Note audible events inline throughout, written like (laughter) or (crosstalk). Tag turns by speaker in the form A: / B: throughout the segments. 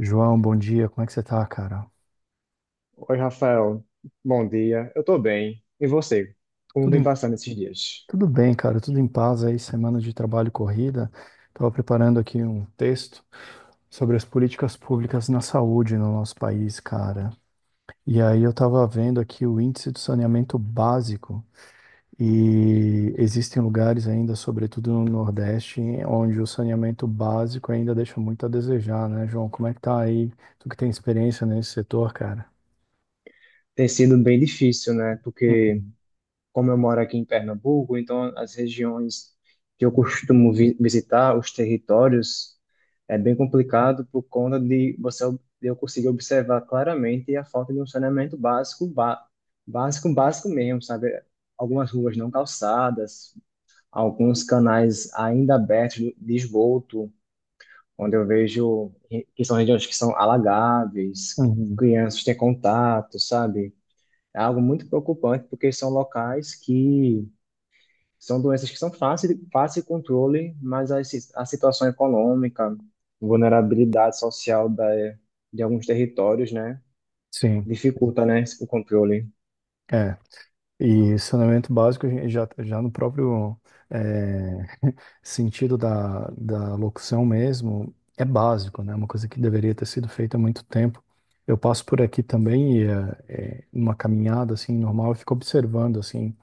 A: João, bom dia. Como é que você tá, cara?
B: Oi, Rafael. Bom dia. Eu tô bem. E você? Como
A: Tudo
B: vem
A: em-
B: passando esses dias?
A: tudo bem, cara. Tudo em paz aí, semana de trabalho corrida. Tava preparando aqui um texto sobre as políticas públicas na saúde no nosso país, cara. E aí eu tava vendo aqui o índice do saneamento básico e existem lugares ainda, sobretudo no Nordeste, onde o saneamento básico ainda deixa muito a desejar, né, João? Como é que tá aí? Tu que tem experiência nesse setor, cara?
B: Tem sido bem difícil, né? Porque
A: Uhum.
B: como eu moro aqui em Pernambuco, então as regiões que eu costumo visitar, os territórios, é bem complicado por conta de você de eu conseguir observar claramente a falta de um saneamento básico, básico, básico mesmo, sabe? Algumas ruas não calçadas, alguns canais ainda abertos de esgoto, onde eu vejo que são regiões que são alagáveis,
A: Uhum.
B: crianças têm contato, sabe? É algo muito preocupante, porque são locais que são doenças que são fáceis de fácil de controle, mas a situação econômica, vulnerabilidade social de alguns territórios, né,
A: Sim.
B: dificulta, né, o controle.
A: É. E saneamento básico, a gente já no próprio eh, (laughs) sentido da locução mesmo, é básico, né? É uma coisa que deveria ter sido feita há muito tempo. Eu passo por aqui também, e, numa caminhada assim normal, eu fico observando assim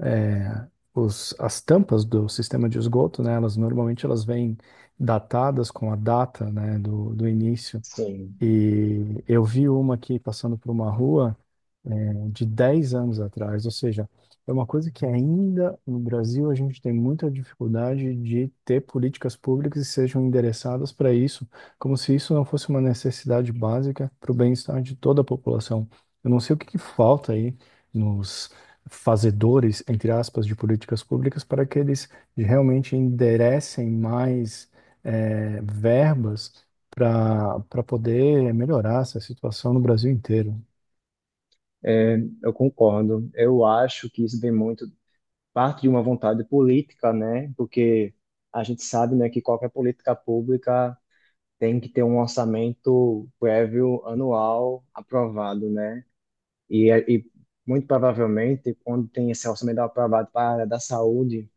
A: eh, as tampas do sistema de esgoto, né? Elas normalmente elas vêm datadas com a data, né, do início.
B: Sim,
A: E eu vi uma aqui passando por uma rua de 10 anos atrás. Ou seja, é uma coisa que ainda no Brasil a gente tem muita dificuldade de ter políticas públicas que sejam endereçadas para isso, como se isso não fosse uma necessidade básica para o bem-estar de toda a população. Eu não sei o que que falta aí nos fazedores, entre aspas, de políticas públicas para que eles realmente enderecem mais verbas para poder melhorar essa situação no Brasil inteiro.
B: é, eu concordo. Eu acho que isso vem muito parte de uma vontade política, né, porque a gente sabe, né, que qualquer política pública tem que ter um orçamento prévio anual aprovado, né? E muito provavelmente, quando tem esse orçamento aprovado para a área da saúde,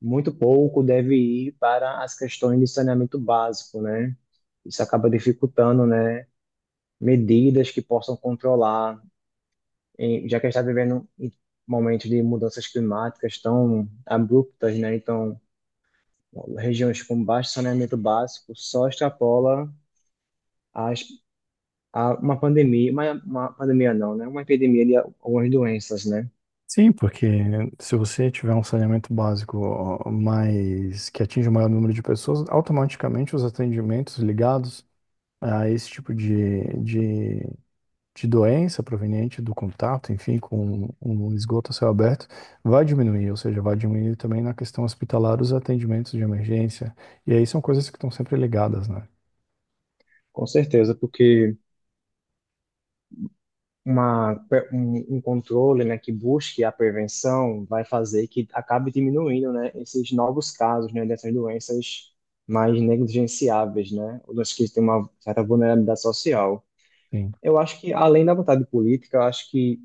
B: muito pouco deve ir para as questões de saneamento básico, né? Isso acaba dificultando, né? Medidas que possam controlar, já que a gente está vivendo em momentos de mudanças climáticas tão abruptas, né? Então, regiões com baixo saneamento básico só extrapola as a uma pandemia, uma pandemia não, né? Uma epidemia de algumas doenças, né?
A: Sim, porque se você tiver um saneamento básico mais que atinge o maior número de pessoas, automaticamente os atendimentos ligados a esse tipo de doença proveniente do contato, enfim, com um esgoto a céu aberto, vai diminuir, ou seja, vai diminuir também na questão hospitalar os atendimentos de emergência. E aí são coisas que estão sempre ligadas, né?
B: Com certeza, porque um controle, né, que busque a prevenção vai fazer que acabe diminuindo, né, esses novos casos, né, dessas doenças mais negligenciáveis, né, ou doenças que têm uma certa vulnerabilidade social.
A: Sim.
B: Eu acho que, além da vontade política, eu acho que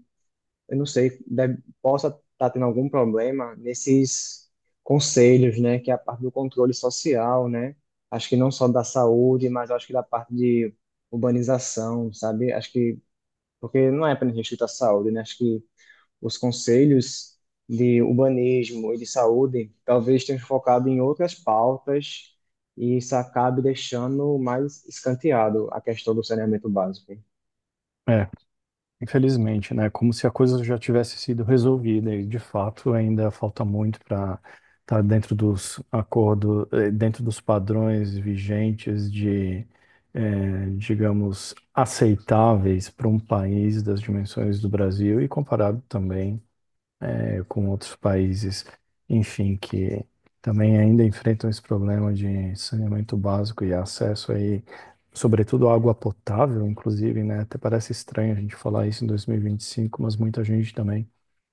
B: eu não sei, deve, possa estar tendo algum problema nesses conselhos, né, que é a parte do controle social, né? Acho que não só da saúde, mas acho que da parte de urbanização, sabe? Acho que porque não é apenas restrito à saúde, né? Acho que os conselhos de urbanismo e de saúde talvez tenham focado em outras pautas e isso acabe deixando mais escanteado a questão do saneamento básico.
A: É. Infelizmente, né? Como se a coisa já tivesse sido resolvida e, de fato, ainda falta muito para estar dentro dos acordos, dentro dos padrões vigentes de, digamos, aceitáveis para um país das dimensões do Brasil e comparado também com outros países, enfim, que também ainda enfrentam esse problema de saneamento básico e acesso aí, sobretudo à água potável, inclusive, né? Até parece estranho a gente falar isso em 2025, mas muita gente também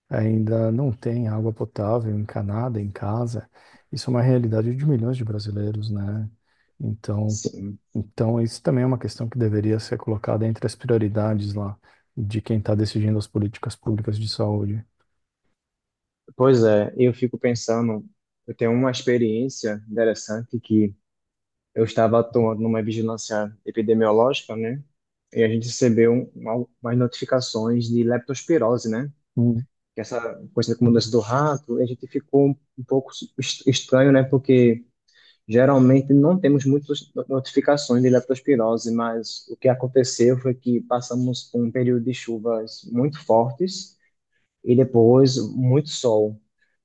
A: ainda não tem água potável encanada em casa. Isso é uma realidade de milhões de brasileiros, né? Então,
B: Sim.
A: então isso também é uma questão que deveria ser colocada entre as prioridades lá de quem está decidindo as políticas públicas de saúde.
B: Pois é, eu fico pensando, eu tenho uma experiência interessante que eu estava atuando numa vigilância epidemiológica, né? E a gente recebeu umas notificações de leptospirose, né?
A: Hum,
B: Que é essa coisa como doença do rato, e a gente ficou um pouco estranho, né? Porque geralmente não temos muitas notificações de leptospirose, mas o que aconteceu foi que passamos por um período de chuvas muito fortes e depois muito sol.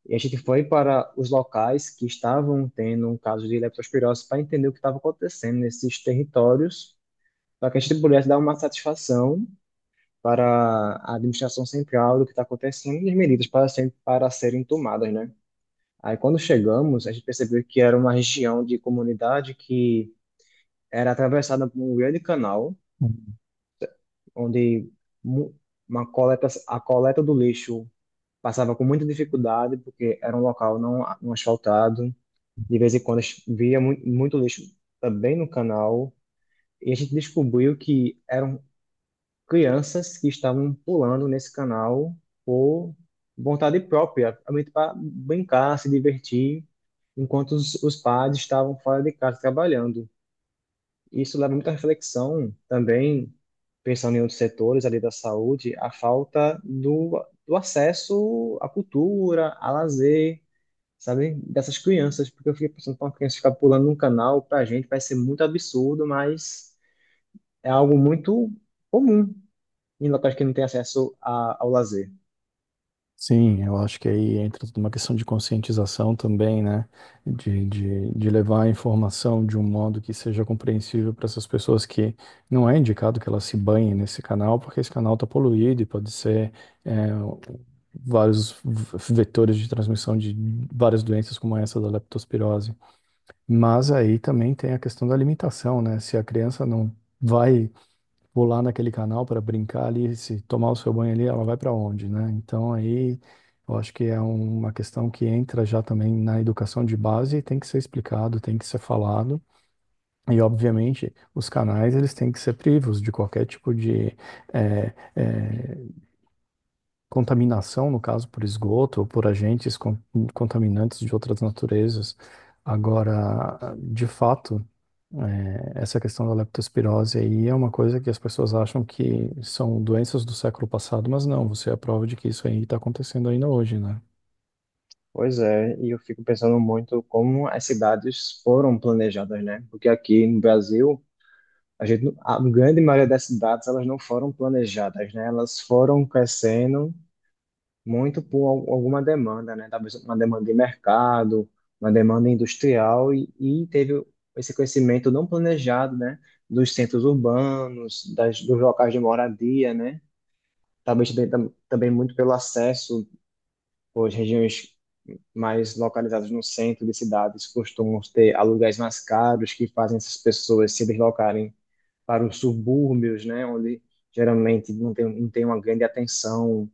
B: E a gente foi para os locais que estavam tendo um caso de leptospirose para entender o que estava acontecendo nesses territórios, para que a gente pudesse dar uma satisfação para a administração central do que está acontecendo e as medidas para serem tomadas, né? Aí quando chegamos, a gente percebeu que era uma região de comunidade que era atravessada por um grande canal,
A: hum.
B: onde mu- a coleta do lixo passava com muita dificuldade, porque era um local não asfaltado. De vez em quando muito lixo também no canal. E a gente descobriu que eram crianças que estavam pulando nesse canal por vontade própria, realmente para brincar, se divertir, enquanto os pais estavam fora de casa trabalhando. Isso leva muita reflexão também, pensando em outros setores ali da saúde, a falta do acesso à cultura, a lazer, sabe? Dessas crianças, porque eu fiquei pensando, para uma criança ficar pulando num canal, para a gente vai ser muito absurdo, mas é algo muito comum em locais que não tem acesso a, ao lazer.
A: Sim, eu acho que aí entra tudo uma questão de conscientização também, né? De levar a informação de um modo que seja compreensível para essas pessoas que não é indicado que elas se banhem nesse canal, porque esse canal está poluído e pode ser é, vários vetores de transmissão de várias doenças como essa da leptospirose. Mas aí também tem a questão da alimentação, né? Se a criança não vai vou lá naquele canal para brincar ali, se tomar o seu banho ali, ela vai para onde, né? Então aí eu acho que é uma questão que entra já também na educação de base e tem que ser explicado, tem que ser falado. E obviamente os canais eles têm que ser privos de qualquer tipo de eh, eh, contaminação, no caso, por esgoto ou por agentes contaminantes de outras naturezas. Agora, de fato, essa questão da leptospirose aí é uma coisa que as pessoas acham que são doenças do século passado, mas não, você é a prova de que isso aí está acontecendo ainda hoje, né?
B: Pois é, e eu fico pensando muito como as cidades foram planejadas, né? Porque aqui no Brasil, a gente, não- a grande maioria das cidades, elas não foram planejadas, né? Elas foram crescendo muito por alguma demanda, né? Talvez uma demanda de mercado, uma demanda industrial, e teve esse crescimento não planejado, né? Dos centros urbanos, dos locais de moradia, né? Talvez também, também muito pelo acesso, pois regiões mais localizadas no centro de cidades costumam ter aluguéis mais caros, que fazem essas pessoas se deslocarem para os subúrbios, né? Onde geralmente não tem uma grande atenção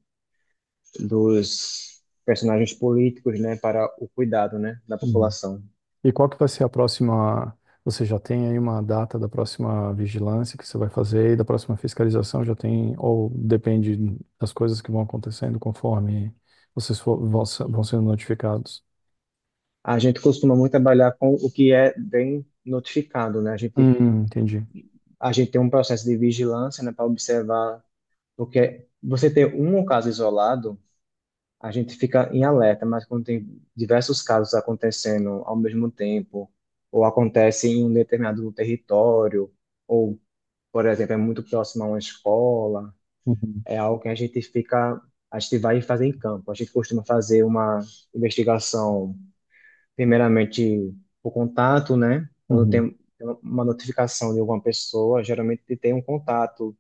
B: dos personagens políticos, né, para o cuidado, né, da população.
A: E qual que vai ser a próxima? Você já tem aí uma data da próxima vigilância que você vai fazer e da próxima fiscalização? Já tem, ou depende das coisas que vão acontecendo conforme vocês for, vão, se- vão sendo notificados?
B: A gente costuma muito trabalhar com o que é bem notificado, né?
A: Entendi.
B: A gente tem um processo de vigilância, né, para observar porque você ter um caso isolado, a gente fica em alerta, mas quando tem diversos casos acontecendo ao mesmo tempo, ou acontece em um determinado território, ou, por exemplo, é muito próximo a uma escola,
A: Uhum,
B: é algo que a gente vai fazer em campo. A gente costuma fazer uma investigação, primeiramente por contato, né? Quando
A: uhum,
B: tem uma notificação de alguma pessoa, geralmente tem um contato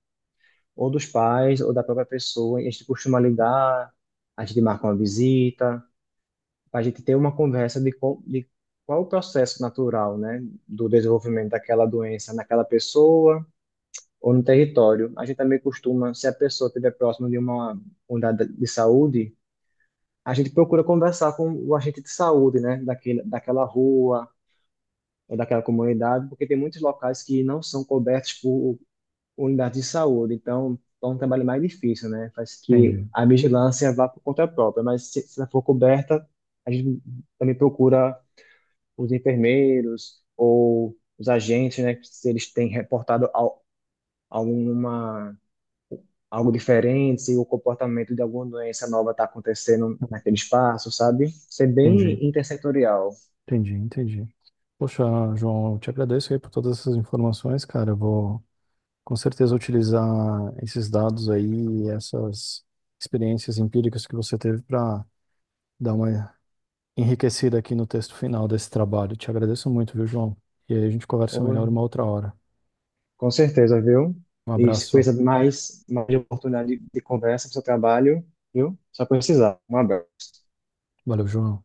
B: ou dos pais ou da própria pessoa. E a gente costuma ligar, a gente marca uma visita, a gente ter uma conversa de qual é o processo natural, né, do desenvolvimento daquela doença naquela pessoa ou no território. A gente também costuma, se a pessoa estiver próxima de uma unidade de saúde, a gente procura conversar com o agente de saúde, né, daquela rua ou daquela comunidade, porque tem muitos locais que não são cobertos por unidade de saúde. Então, é um trabalho mais difícil, né? Faz que
A: entendi,
B: a vigilância vá por conta própria, mas se ela for coberta, a gente também procura os enfermeiros ou os agentes, né, se eles têm reportado al- alguma algo diferente, se o comportamento de alguma doença nova está acontecendo naquele espaço, sabe? Ser
A: entendi,
B: bem intersetorial.
A: entendi, entendi. Poxa, João, eu te agradeço aí por todas essas informações, cara. Eu vou com certeza utilizar esses dados aí, essas experiências empíricas que você teve para dar uma enriquecida aqui no texto final desse trabalho. Te agradeço muito, viu, João? E aí a gente conversa melhor
B: Hoje,
A: uma outra hora.
B: com certeza, viu?
A: Um
B: E se
A: abraço.
B: precisa de mais de oportunidade de conversa para o seu trabalho, viu? Só precisar. Um abraço.
A: Valeu, João.